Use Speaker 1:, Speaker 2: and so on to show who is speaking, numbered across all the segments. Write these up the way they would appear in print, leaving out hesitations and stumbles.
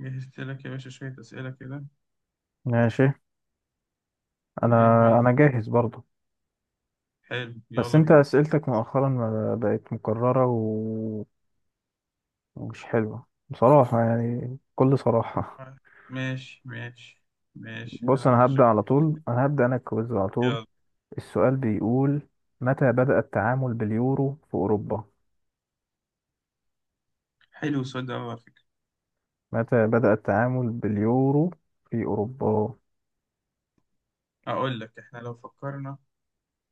Speaker 1: جهزت لك يا باشا شوية أسئلة كده.
Speaker 2: ماشي. انا
Speaker 1: إيه عايز؟
Speaker 2: انا جاهز برضه.
Speaker 1: حلو، يلا
Speaker 2: بس انت
Speaker 1: بينا.
Speaker 2: اسئلتك مؤخرا ما بقت مكررة ومش حلوة بصراحة، يعني بكل صراحة.
Speaker 1: ماشي، ماشي، ماشي،
Speaker 2: بص،
Speaker 1: أنا متشكر.
Speaker 2: انا الكويز على طول.
Speaker 1: يلا.
Speaker 2: السؤال بيقول: متى بدأ التعامل باليورو في اوروبا؟
Speaker 1: حلو السؤال ده أوي على فكرة.
Speaker 2: متى بدأ التعامل باليورو في اوروبا؟
Speaker 1: أقول لك، إحنا لو فكرنا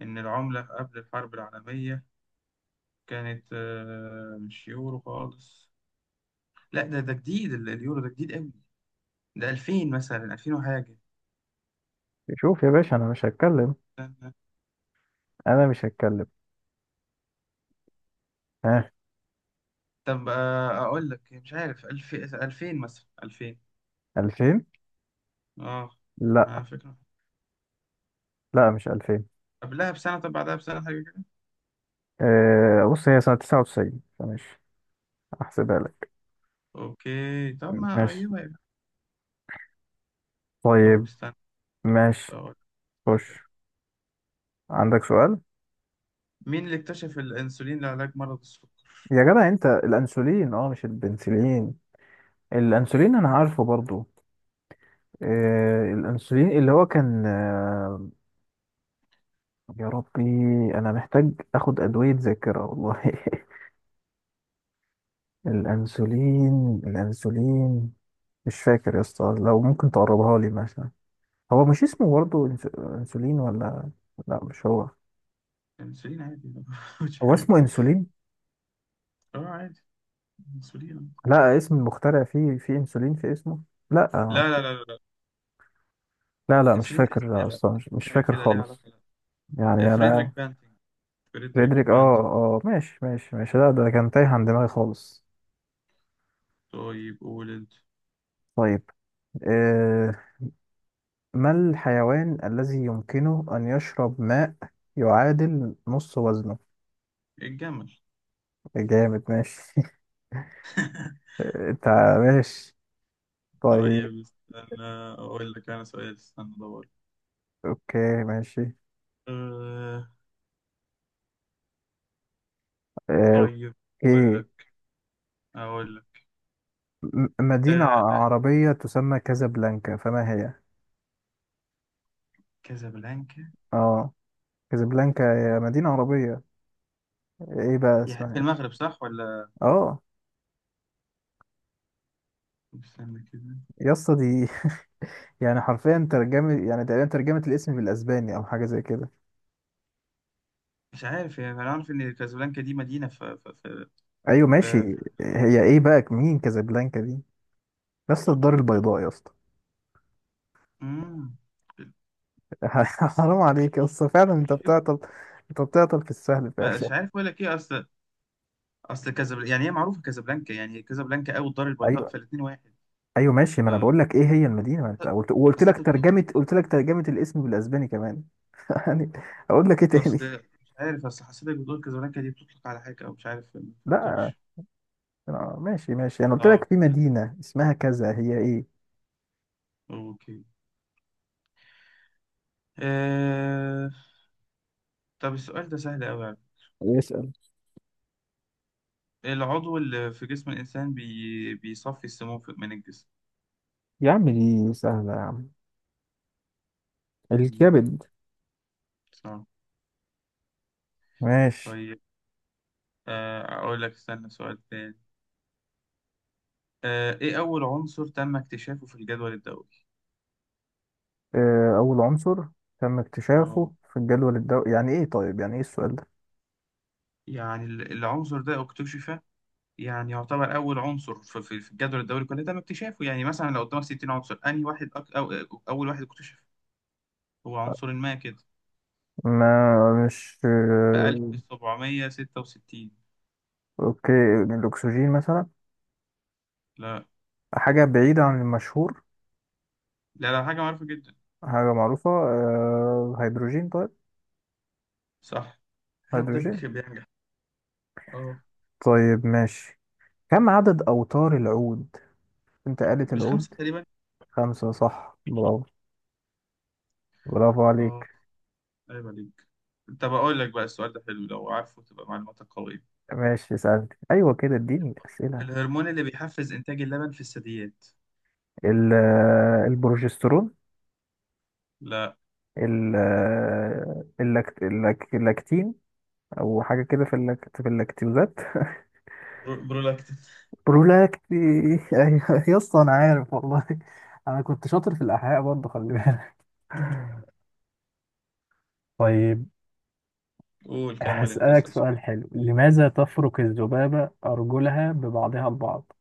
Speaker 1: إن العملة قبل الحرب العالمية كانت مش يورو خالص. لا، ده جديد، اليورو ده جديد أوي. ده 2000 مثلا، 2000 وحاجة.
Speaker 2: شوف يا باشا،
Speaker 1: استنى.
Speaker 2: انا مش هتكلم. ها.
Speaker 1: طب أقول لك مش عارف، 1000، 2000، مثلا 2000.
Speaker 2: 2000.
Speaker 1: أه.
Speaker 2: لا
Speaker 1: ما فكرة.
Speaker 2: لا، مش 2000.
Speaker 1: قبلها بسنة، طب بعدها بسنة حاجة.
Speaker 2: أه، بص هي سنة 99، فمش هحسبها لك.
Speaker 1: اوكي طب، ما
Speaker 2: ماشي.
Speaker 1: قريبة يبقى. طب
Speaker 2: طيب.
Speaker 1: استنى،
Speaker 2: ماشي.
Speaker 1: أقول لك سؤال حلو.
Speaker 2: خش. عندك سؤال.
Speaker 1: مين اللي اكتشف الانسولين لعلاج مرض السكر؟
Speaker 2: يا جدع انت الانسولين، مش البنسلين. الانسولين انا عارفه برضو. الانسولين اللي هو كان يا ربي، انا محتاج اخد ادوية ذاكرة والله. الانسولين. مش فاكر يا اسطى، لو ممكن تقربها لي مثلا. هو مش اسمه برضو انسولين ولا؟ لا مش هو.
Speaker 1: الانسولين عادي مش
Speaker 2: هو
Speaker 1: حاجة.
Speaker 2: اسمه انسولين.
Speaker 1: اه، عادي. انسولين عادي.
Speaker 2: لا، اسم المخترع فيه، في انسولين في اسمه. لا.
Speaker 1: لا، لا، لا، لا، لا.
Speaker 2: لا مش
Speaker 1: الانسولين ده اسم إيه
Speaker 2: فاكر
Speaker 1: بقى،
Speaker 2: اصلا،
Speaker 1: اسم
Speaker 2: مش
Speaker 1: حاجة
Speaker 2: فاكر
Speaker 1: كده ليها
Speaker 2: خالص.
Speaker 1: علاقة. لا.
Speaker 2: يعني انا.
Speaker 1: فريدريك بانتنج، فريدريك
Speaker 2: فريدريك، اه
Speaker 1: بانتنج.
Speaker 2: اه ماشي ماشي، لا ده كان تايه عن دماغي خالص.
Speaker 1: طيب قول انت.
Speaker 2: طيب. آه ما الحيوان الذي يمكنه ان يشرب ماء يعادل نص وزنه؟
Speaker 1: الجمل.
Speaker 2: جامد، ماشي. انت. ماشي. طيب.
Speaker 1: طيب استنى، اقول لك انا سؤال، استنى ادور.
Speaker 2: اوكي ماشي.
Speaker 1: أه.
Speaker 2: آه
Speaker 1: طيب. اقول
Speaker 2: اوكي.
Speaker 1: لك اقول لك
Speaker 2: مدينة
Speaker 1: أه. لا،
Speaker 2: عربية تسمى كازابلانكا، فما هي؟
Speaker 1: كازابلانكا.
Speaker 2: اه، كازابلانكا هي مدينة عربية، ايه بقى اسمها
Speaker 1: في
Speaker 2: ايه؟
Speaker 1: المغرب صح ولا؟
Speaker 2: اه.
Speaker 1: استنى كده.
Speaker 2: يا اسطى دي يعني حرفيا ترجمة، يعني تقريبا ترجمة الاسم بالاسباني او حاجة زي كده.
Speaker 1: مش عارف يعني، انا عارف ان كازابلانكا دي مدينه
Speaker 2: ايوه
Speaker 1: ف
Speaker 2: ماشي.
Speaker 1: ف-
Speaker 2: هي ايه بقى، مين كازابلانكا دي؟ يا اسطى الدار البيضاء يا اسطى.
Speaker 1: مم.
Speaker 2: حرام عليك يا اسطى، فعلا انت
Speaker 1: مش فاكر.
Speaker 2: بتعطل. انت بتعطل في السهل فعلا.
Speaker 1: مش عارف اقول لك ايه، اصل كازابلانكا، يعني هي معروفه كازابلانكا، يعني هي كازابلانكا او الدار البيضاء،
Speaker 2: ايوه.
Speaker 1: فالاثنين واحد.
Speaker 2: ايوه ماشي، ما
Speaker 1: ف
Speaker 2: انا بقول لك ايه هي المدينة، ما انت قلت، وقلت
Speaker 1: اصل انت
Speaker 2: لك
Speaker 1: بت-
Speaker 2: ترجمة، قلت لك ترجمة الاسم بالاسباني كمان. يعني اقول لك ايه تاني.
Speaker 1: اصل مش عارف، اصل حسيتك بتقول كازابلانكا دي بتطلق على حاجه، او مش عارف، ما
Speaker 2: لا،
Speaker 1: فهمتكش.
Speaker 2: ماشي ماشي، انا قلت
Speaker 1: اه،
Speaker 2: لك في مدينة اسمها كذا، هي ايه؟
Speaker 1: اوكي. آه... طب السؤال ده سهل قوي يعني.
Speaker 2: اسأل.
Speaker 1: العضو اللي في جسم الانسان بيصفي السموم من الجسم.
Speaker 2: يا عم دي سهلة يا عم،
Speaker 1: مم،
Speaker 2: الكبد.
Speaker 1: صح.
Speaker 2: ماشي.
Speaker 1: طيب، أقول لك استنى سؤال تاني. إيه أول عنصر تم اكتشافه في الجدول الدوري؟
Speaker 2: أول عنصر تم
Speaker 1: آه
Speaker 2: اكتشافه في الجدول الدوري، يعني إيه؟ طيب يعني إيه السؤال ده؟
Speaker 1: يعني العنصر ده اكتشف، يعني يعتبر أول عنصر في الجدول الدوري كله تم اكتشافه، يعني مثلا لو قدامك 60 عنصر، أنهي واحد أول واحد اكتشف؟ هو عنصر ما كده،
Speaker 2: ما مش
Speaker 1: في 1766.
Speaker 2: أوكي. يعني الأكسجين مثلا؟
Speaker 1: لا،
Speaker 2: حاجة بعيدة عن المشهور.
Speaker 1: لا، لا، حاجة معروفة جدا.
Speaker 2: حاجة معروفة، هيدروجين طيب.
Speaker 1: صح،
Speaker 2: هيدروجين.
Speaker 1: هدك بينجح. آه
Speaker 2: طيب ماشي. كم عدد أوتار العود؟ أنت قالت
Speaker 1: مش
Speaker 2: العود.
Speaker 1: خمسة تقريبا؟
Speaker 2: خمسة صح، برافو. برافو
Speaker 1: آه،
Speaker 2: عليك.
Speaker 1: أيوة عليك. طب أقول لك بقى، السؤال ده حلو لو عارفه تبقى معلوماتك قوية.
Speaker 2: ماشي، سألت، أيوة كده، اديني أسئلة.
Speaker 1: الهرمون اللي بيحفز إنتاج اللبن في الثدييات.
Speaker 2: البروجسترون.
Speaker 1: لا.
Speaker 2: اللاكتين، او حاجه كده في اللاكتوزات.
Speaker 1: برولاكتين.
Speaker 2: برولاكتي. ايوه يا اسطى انا عارف والله، انا كنت شاطر في الاحياء برضه، خلي بالك. طيب،
Speaker 1: قول كمل أنت،
Speaker 2: هسألك
Speaker 1: اسأل سؤال.
Speaker 2: سؤال حلو: لماذا تفرك الذبابة أرجلها ببعضها البعض؟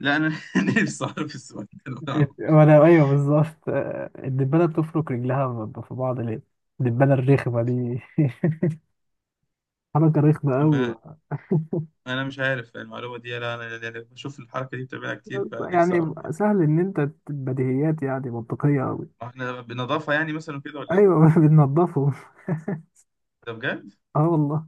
Speaker 1: لا، أنا نفسي أعرف السؤال ده. أنا أعرف.
Speaker 2: وأنا أيوه بالظبط، الدبانة بتفرك رجلها في بعض ليه؟ الدبانة الرخمة دي. حركه رخمه قوي
Speaker 1: ما-
Speaker 2: بقى.
Speaker 1: أنا مش عارف المعلومة دي، لا أنا يعني بشوف الحركة دي بتعملها كتير، فنفسي
Speaker 2: يعني
Speaker 1: أعرف دي.
Speaker 2: سهل ان انت بديهيات، يعني منطقيه قوي.
Speaker 1: إحنا بنضافة يعني مثلا كده ولا إيه؟
Speaker 2: ايوه بننضفه.
Speaker 1: ده بجد؟
Speaker 2: اه والله.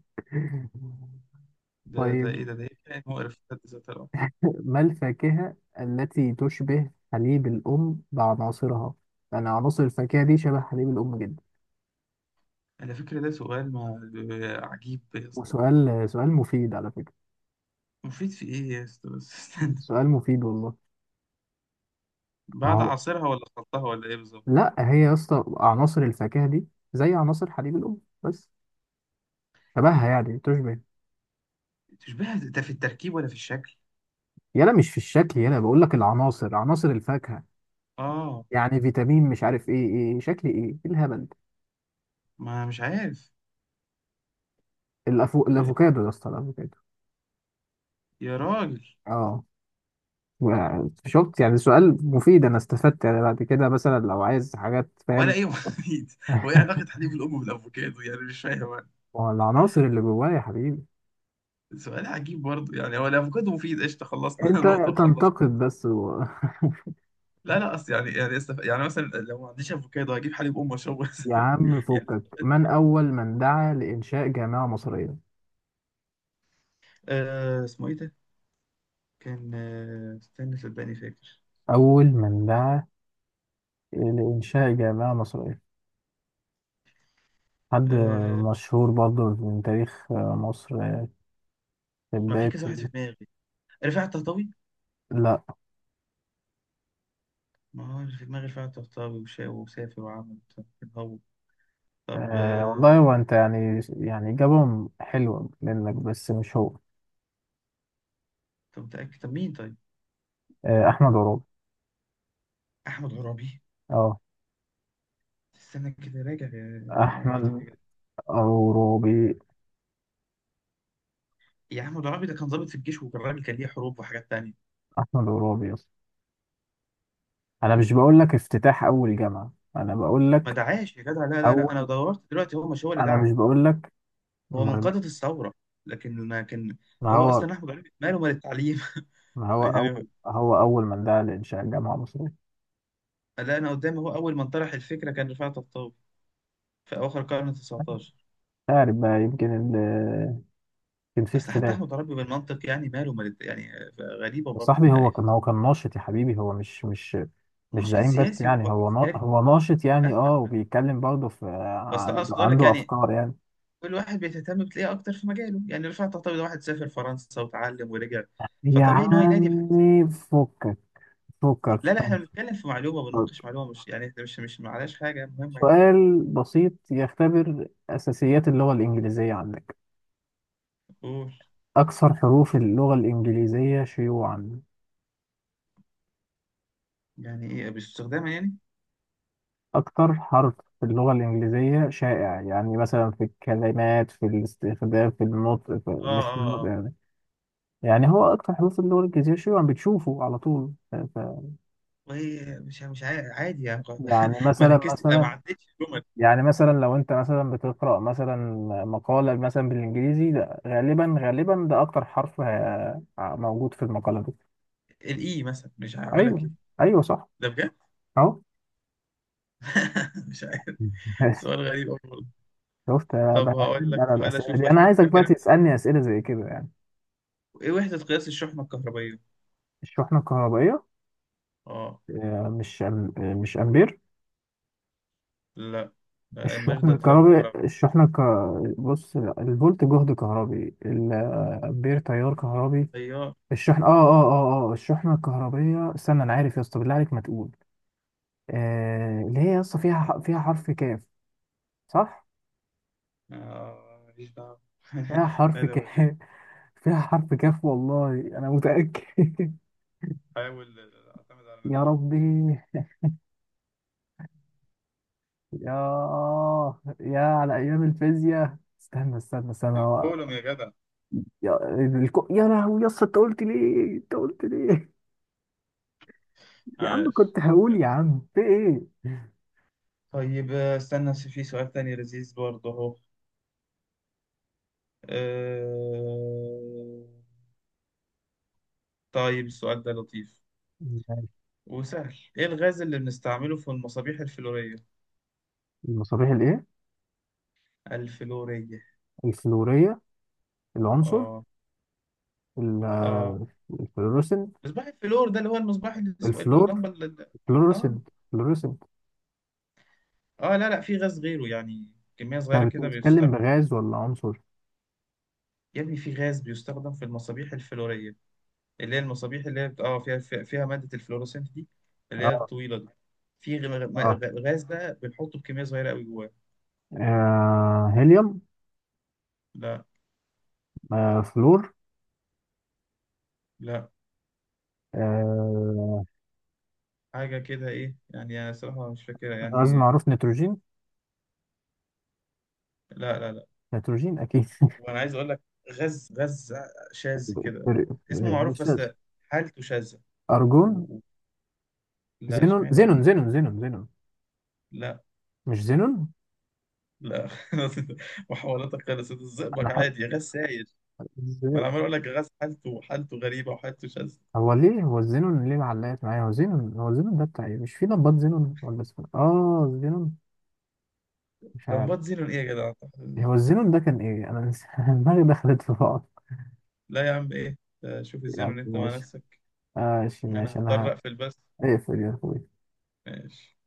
Speaker 1: ده
Speaker 2: طيب،
Speaker 1: إيه، ده إيه، كائن مقرف في حد ذاته الأمر.
Speaker 2: ما الفاكهة التي تشبه حليب الأم بعناصرها؟ يعني عناصر الفاكهة دي شبه حليب الأم جدا.
Speaker 1: على فكرة ده سؤال ما، عجيب يا اسطى.
Speaker 2: سؤال مفيد على فكرة.
Speaker 1: مفيد في إيه يا اسطى، بس استنى.
Speaker 2: سؤال مفيد والله. ما
Speaker 1: بعد
Speaker 2: هو،
Speaker 1: عصيرها ولا خلطها ولا إيه بالظبط؟
Speaker 2: لا هي يا اسطى عناصر الفاكهة دي زي عناصر حليب الأم بس، شبهها يعني، تشبه.
Speaker 1: تشبه ده في التركيب ولا في الشكل؟
Speaker 2: يلا مش في الشكل، يلا بقول لك العناصر، عناصر الفاكهة،
Speaker 1: آه.
Speaker 2: يعني فيتامين مش عارف ايه، ايه شكل، ايه إيه الهبل ده؟
Speaker 1: ما مش عارف. آه،
Speaker 2: الافوكادو يا اسطى، الافوكادو.
Speaker 1: يا راجل.
Speaker 2: اه. شفت يعني، سؤال مفيد، انا استفدت يعني، بعد كده مثلا لو عايز حاجات،
Speaker 1: ولا
Speaker 2: فاهم.
Speaker 1: ايه مفيد؟ وايه علاقة حليب الام بالافوكادو، يعني مش فاهم أنا.
Speaker 2: والعناصر اللي جوايا يا حبيبي.
Speaker 1: سؤال عجيب برضه يعني، هو الافوكادو مفيد؟ قشطة، خلصنا
Speaker 2: انت
Speaker 1: نقطة وخلصنا.
Speaker 2: تنتقد بس و...
Speaker 1: لا، لا، اصل يعني، يعني مثلا لو ما عنديش افوكادو هجيب حليب ام اشربه؟
Speaker 2: يا عم
Speaker 1: يعني
Speaker 2: فكك. من اول من دعا لانشاء جامعة مصرية؟
Speaker 1: اسمه ايه ده؟ كان استنى صدقني فاكر.
Speaker 2: اول من دعا لانشاء جامعة مصرية، حد
Speaker 1: آه،
Speaker 2: مشهور برضه من تاريخ مصر في
Speaker 1: ما في كذا واحد
Speaker 2: بداية.
Speaker 1: في دماغي. رفاعي الطهطاوي.
Speaker 2: لا.
Speaker 1: ما هو اللي في دماغي رفاعي الطهطاوي، وشا وسافر وعمل طب. طب.
Speaker 2: أه والله هو، انت يعني، يعني إجابة حلوة منك، بس مش هو.
Speaker 1: طب متأكد؟ طب مين طيب؟
Speaker 2: أه، احمد عرابي.
Speaker 1: احمد عرابي.
Speaker 2: اه.
Speaker 1: استنى كده، راجع معلوماتك
Speaker 2: احمد
Speaker 1: يا جدع.
Speaker 2: عروبي.
Speaker 1: يا عم ضرابي ده كان ضابط في الجيش، وكان راجل كان ليه حروب وحاجات تانية.
Speaker 2: احمد عروبي يا اسطى. انا مش بقول لك افتتاح اول جامعه، انا بقول
Speaker 1: ما
Speaker 2: لك
Speaker 1: دعاش يا جدع. لا، لا، لا. انا
Speaker 2: اول.
Speaker 1: دورت دلوقتي هو مش هو اللي
Speaker 2: انا
Speaker 1: دعا.
Speaker 2: مش بقول لك.
Speaker 1: هو من
Speaker 2: أمال مين؟
Speaker 1: قادة الثورة لكن،
Speaker 2: ما
Speaker 1: هو
Speaker 2: هو.
Speaker 1: اصلا احمد عرابي ماله مال التعليم
Speaker 2: ما هو
Speaker 1: يعني.
Speaker 2: اول، هو اول من دعا لانشاء جامعه مصريه مش.
Speaker 1: لا، انا قدامي هو اول من طرح الفكرة كان رفعت الطوبي في اواخر القرن 19.
Speaker 2: عارف بقى يمكن كان في
Speaker 1: اصل حتى
Speaker 2: اختلاف.
Speaker 1: احمد عرابي بالمنطق يعني، ماله مال يعني، غريبة
Speaker 2: يا
Speaker 1: برضه
Speaker 2: صاحبي
Speaker 1: يعني.
Speaker 2: هو كان ناشط يا حبيبي، هو مش مش
Speaker 1: ناشط
Speaker 2: زعيم بس
Speaker 1: سياسي
Speaker 2: يعني، هو
Speaker 1: وعسكري،
Speaker 2: هو ناشط يعني،
Speaker 1: فاهمك
Speaker 2: اه
Speaker 1: فاهمك.
Speaker 2: وبيتكلم برضه في،
Speaker 1: بس اقصد اقول لك
Speaker 2: عنده
Speaker 1: يعني،
Speaker 2: افكار يعني.
Speaker 1: كل واحد بيهتم بتلاقيه اكتر في مجاله، يعني رفعت تعتبر ده واحد سافر فرنسا وتعلم ورجع،
Speaker 2: يا
Speaker 1: فطبيعي ان هو ينادي بحاجه
Speaker 2: عمي فكك. فكك
Speaker 1: لا، لا، احنا
Speaker 2: ماشي.
Speaker 1: بنتكلم في معلومه، بنناقش معلومه، مش يعني احنا مش، معلاش حاجه مهمه يعني.
Speaker 2: سؤال بسيط يختبر أساسيات اللغة الإنجليزية عندك:
Speaker 1: قول.
Speaker 2: أكثر حروف اللغة الإنجليزية شيوعا.
Speaker 1: يعني ايه باستخدامها يعني؟
Speaker 2: أكثر حرف في اللغة الإنجليزية شائع، يعني مثلا في الكلمات، في الاستخدام، في النطق، في
Speaker 1: اه،
Speaker 2: مش في
Speaker 1: اه،
Speaker 2: النطق
Speaker 1: اه.
Speaker 2: يعني. يعني هو أكثر حروف في اللغة الإنجليزية شيوعا، بتشوفه على طول ف... ف...
Speaker 1: وهي مش عادي يعني
Speaker 2: يعني
Speaker 1: ما
Speaker 2: مثلا
Speaker 1: ركزت، ما
Speaker 2: مثلا
Speaker 1: عدتش الجمل.
Speaker 2: يعني مثلا لو أنت مثلا بتقرأ مثلا مقالة مثلا بالإنجليزي، ده غالبا ده أكثر حرف موجود في المقالة دي.
Speaker 1: الاي مثلا، مش هقول لك
Speaker 2: أيوه.
Speaker 1: ايه.
Speaker 2: ايوه صح.
Speaker 1: ده بجد؟
Speaker 2: اهو.
Speaker 1: مش عارف.
Speaker 2: ماشي.
Speaker 1: سؤال غريب أوي والله.
Speaker 2: شفت
Speaker 1: طب
Speaker 2: بقى،
Speaker 1: هقول
Speaker 2: أحب
Speaker 1: لك
Speaker 2: على
Speaker 1: سؤال،
Speaker 2: الأسئلة
Speaker 1: اشوف
Speaker 2: دي، أنا عايزك بقى
Speaker 1: فاكر.
Speaker 2: تسألني أسئلة زي كده يعني.
Speaker 1: ايه وحده قياس الشحنه الكهربائيه؟
Speaker 2: الشحنة الكهربائية.
Speaker 1: اه،
Speaker 2: آه، مش أم- آه، مش أمبير.
Speaker 1: لا، ده امبير،
Speaker 2: الشحن
Speaker 1: ده تيار
Speaker 2: الكهربي،
Speaker 1: كهرباء.
Speaker 2: الشحنة ك... بص، الفولت جهد كهربي، الأمبير تيار كهربي،
Speaker 1: طيار.
Speaker 2: الشحن آه الشحنة الكهربية. استنى أنا عارف يا اسطى، بالله عليك ما تقول. آه... اللي هي يا اسطى فيها فيها حرف كاف، صح؟
Speaker 1: ماليش دعوة
Speaker 2: فيها حرف
Speaker 1: أنا بس
Speaker 2: كاف. فيها حرف كاف والله، أنا متأكد.
Speaker 1: بحاول أعتمد على
Speaker 2: يا
Speaker 1: نفسي.
Speaker 2: ربي، يا يا على أيام الفيزياء، استنى استنى هو.
Speaker 1: الكولوم يا جدع.
Speaker 2: يا يا لهوي يا اسطى، أنت قلت ليه؟ أنت قلت ليه؟ يا عم
Speaker 1: عاش.
Speaker 2: كنت هقول، يا عم في إيه؟
Speaker 1: طيب، استنى في سؤال تاني لذيذ برضه أهو. آه، طيب السؤال ده لطيف
Speaker 2: ماشي.
Speaker 1: وسهل. إيه الغاز اللي بنستعمله في المصابيح الفلورية؟
Speaker 2: المصابيح الإيه؟
Speaker 1: الفلورية.
Speaker 2: الفلورية. العنصر.
Speaker 1: آه،
Speaker 2: ال-
Speaker 1: آه.
Speaker 2: آه، الفلوروسنت.
Speaker 1: مصباح الفلور ده اللي هو المصباح اللي اسمه إيه،
Speaker 2: الفلور.
Speaker 1: اللمبة آه.
Speaker 2: الفلوروسنت. الفلوروسنت.
Speaker 1: آه. لا، لا، في غاز غيره يعني، كمية صغيرة
Speaker 2: أنت
Speaker 1: كده
Speaker 2: بتتكلم
Speaker 1: بيستخدم.
Speaker 2: بغاز ولا عنصر؟
Speaker 1: يا ابني في غاز بيستخدم في المصابيح الفلورية، اللي هي المصابيح اللي هي فيها مادة الفلوروسنت دي، اللي هي
Speaker 2: آه.
Speaker 1: الطويلة دي. في
Speaker 2: آه,
Speaker 1: غاز ده بنحطه بكمية صغيرة قوي جواه.
Speaker 2: هيليوم.
Speaker 1: لا،
Speaker 2: آه. فلور.
Speaker 1: لا،
Speaker 2: آه.
Speaker 1: حاجة كده ايه يعني، انا صراحة مش فاكرها
Speaker 2: غاز
Speaker 1: يعني.
Speaker 2: معروف، نيتروجين.
Speaker 1: لا، لا، لا.
Speaker 2: نيتروجين أكيد.
Speaker 1: وانا عايز اقول لك غاز غاز شاذ كده.
Speaker 2: فريق
Speaker 1: اسمه
Speaker 2: فريق
Speaker 1: معروف بس
Speaker 2: الشاذ.
Speaker 1: حالته شاذة. و...
Speaker 2: أرجون.
Speaker 1: و- لا
Speaker 2: زينون
Speaker 1: اشمعنى
Speaker 2: زينون
Speaker 1: ارجو.
Speaker 2: زينون زينون زينون.
Speaker 1: لا،
Speaker 2: مش زينون.
Speaker 1: لا محاولاتك خلصت.
Speaker 2: أنا
Speaker 1: الزئبق
Speaker 2: حق...
Speaker 1: عادي غاز سايل. وانا عمال اقول لك غاز حالته غريبة، وحالته شاذة.
Speaker 2: هو ليه، هو الزينون ليه معلقت معايا، هو زينون، هو زينون ده بتاع إيه، مش في نبات زينون، ولا اسمه زينون؟ مش عارف.
Speaker 1: لمبات زينون ايه يا جدع؟
Speaker 2: هو الزينون ده كان إيه؟ دماغي دخلت في بعض.
Speaker 1: لا يا عم ايه، شوف
Speaker 2: يا
Speaker 1: الزينون
Speaker 2: عم
Speaker 1: انت مع
Speaker 2: ماشي،
Speaker 1: نفسك.
Speaker 2: ماشي
Speaker 1: انا
Speaker 2: ماشي أنا.
Speaker 1: هضطر اقفل بس.
Speaker 2: هقفل يا أخوي.
Speaker 1: ماشي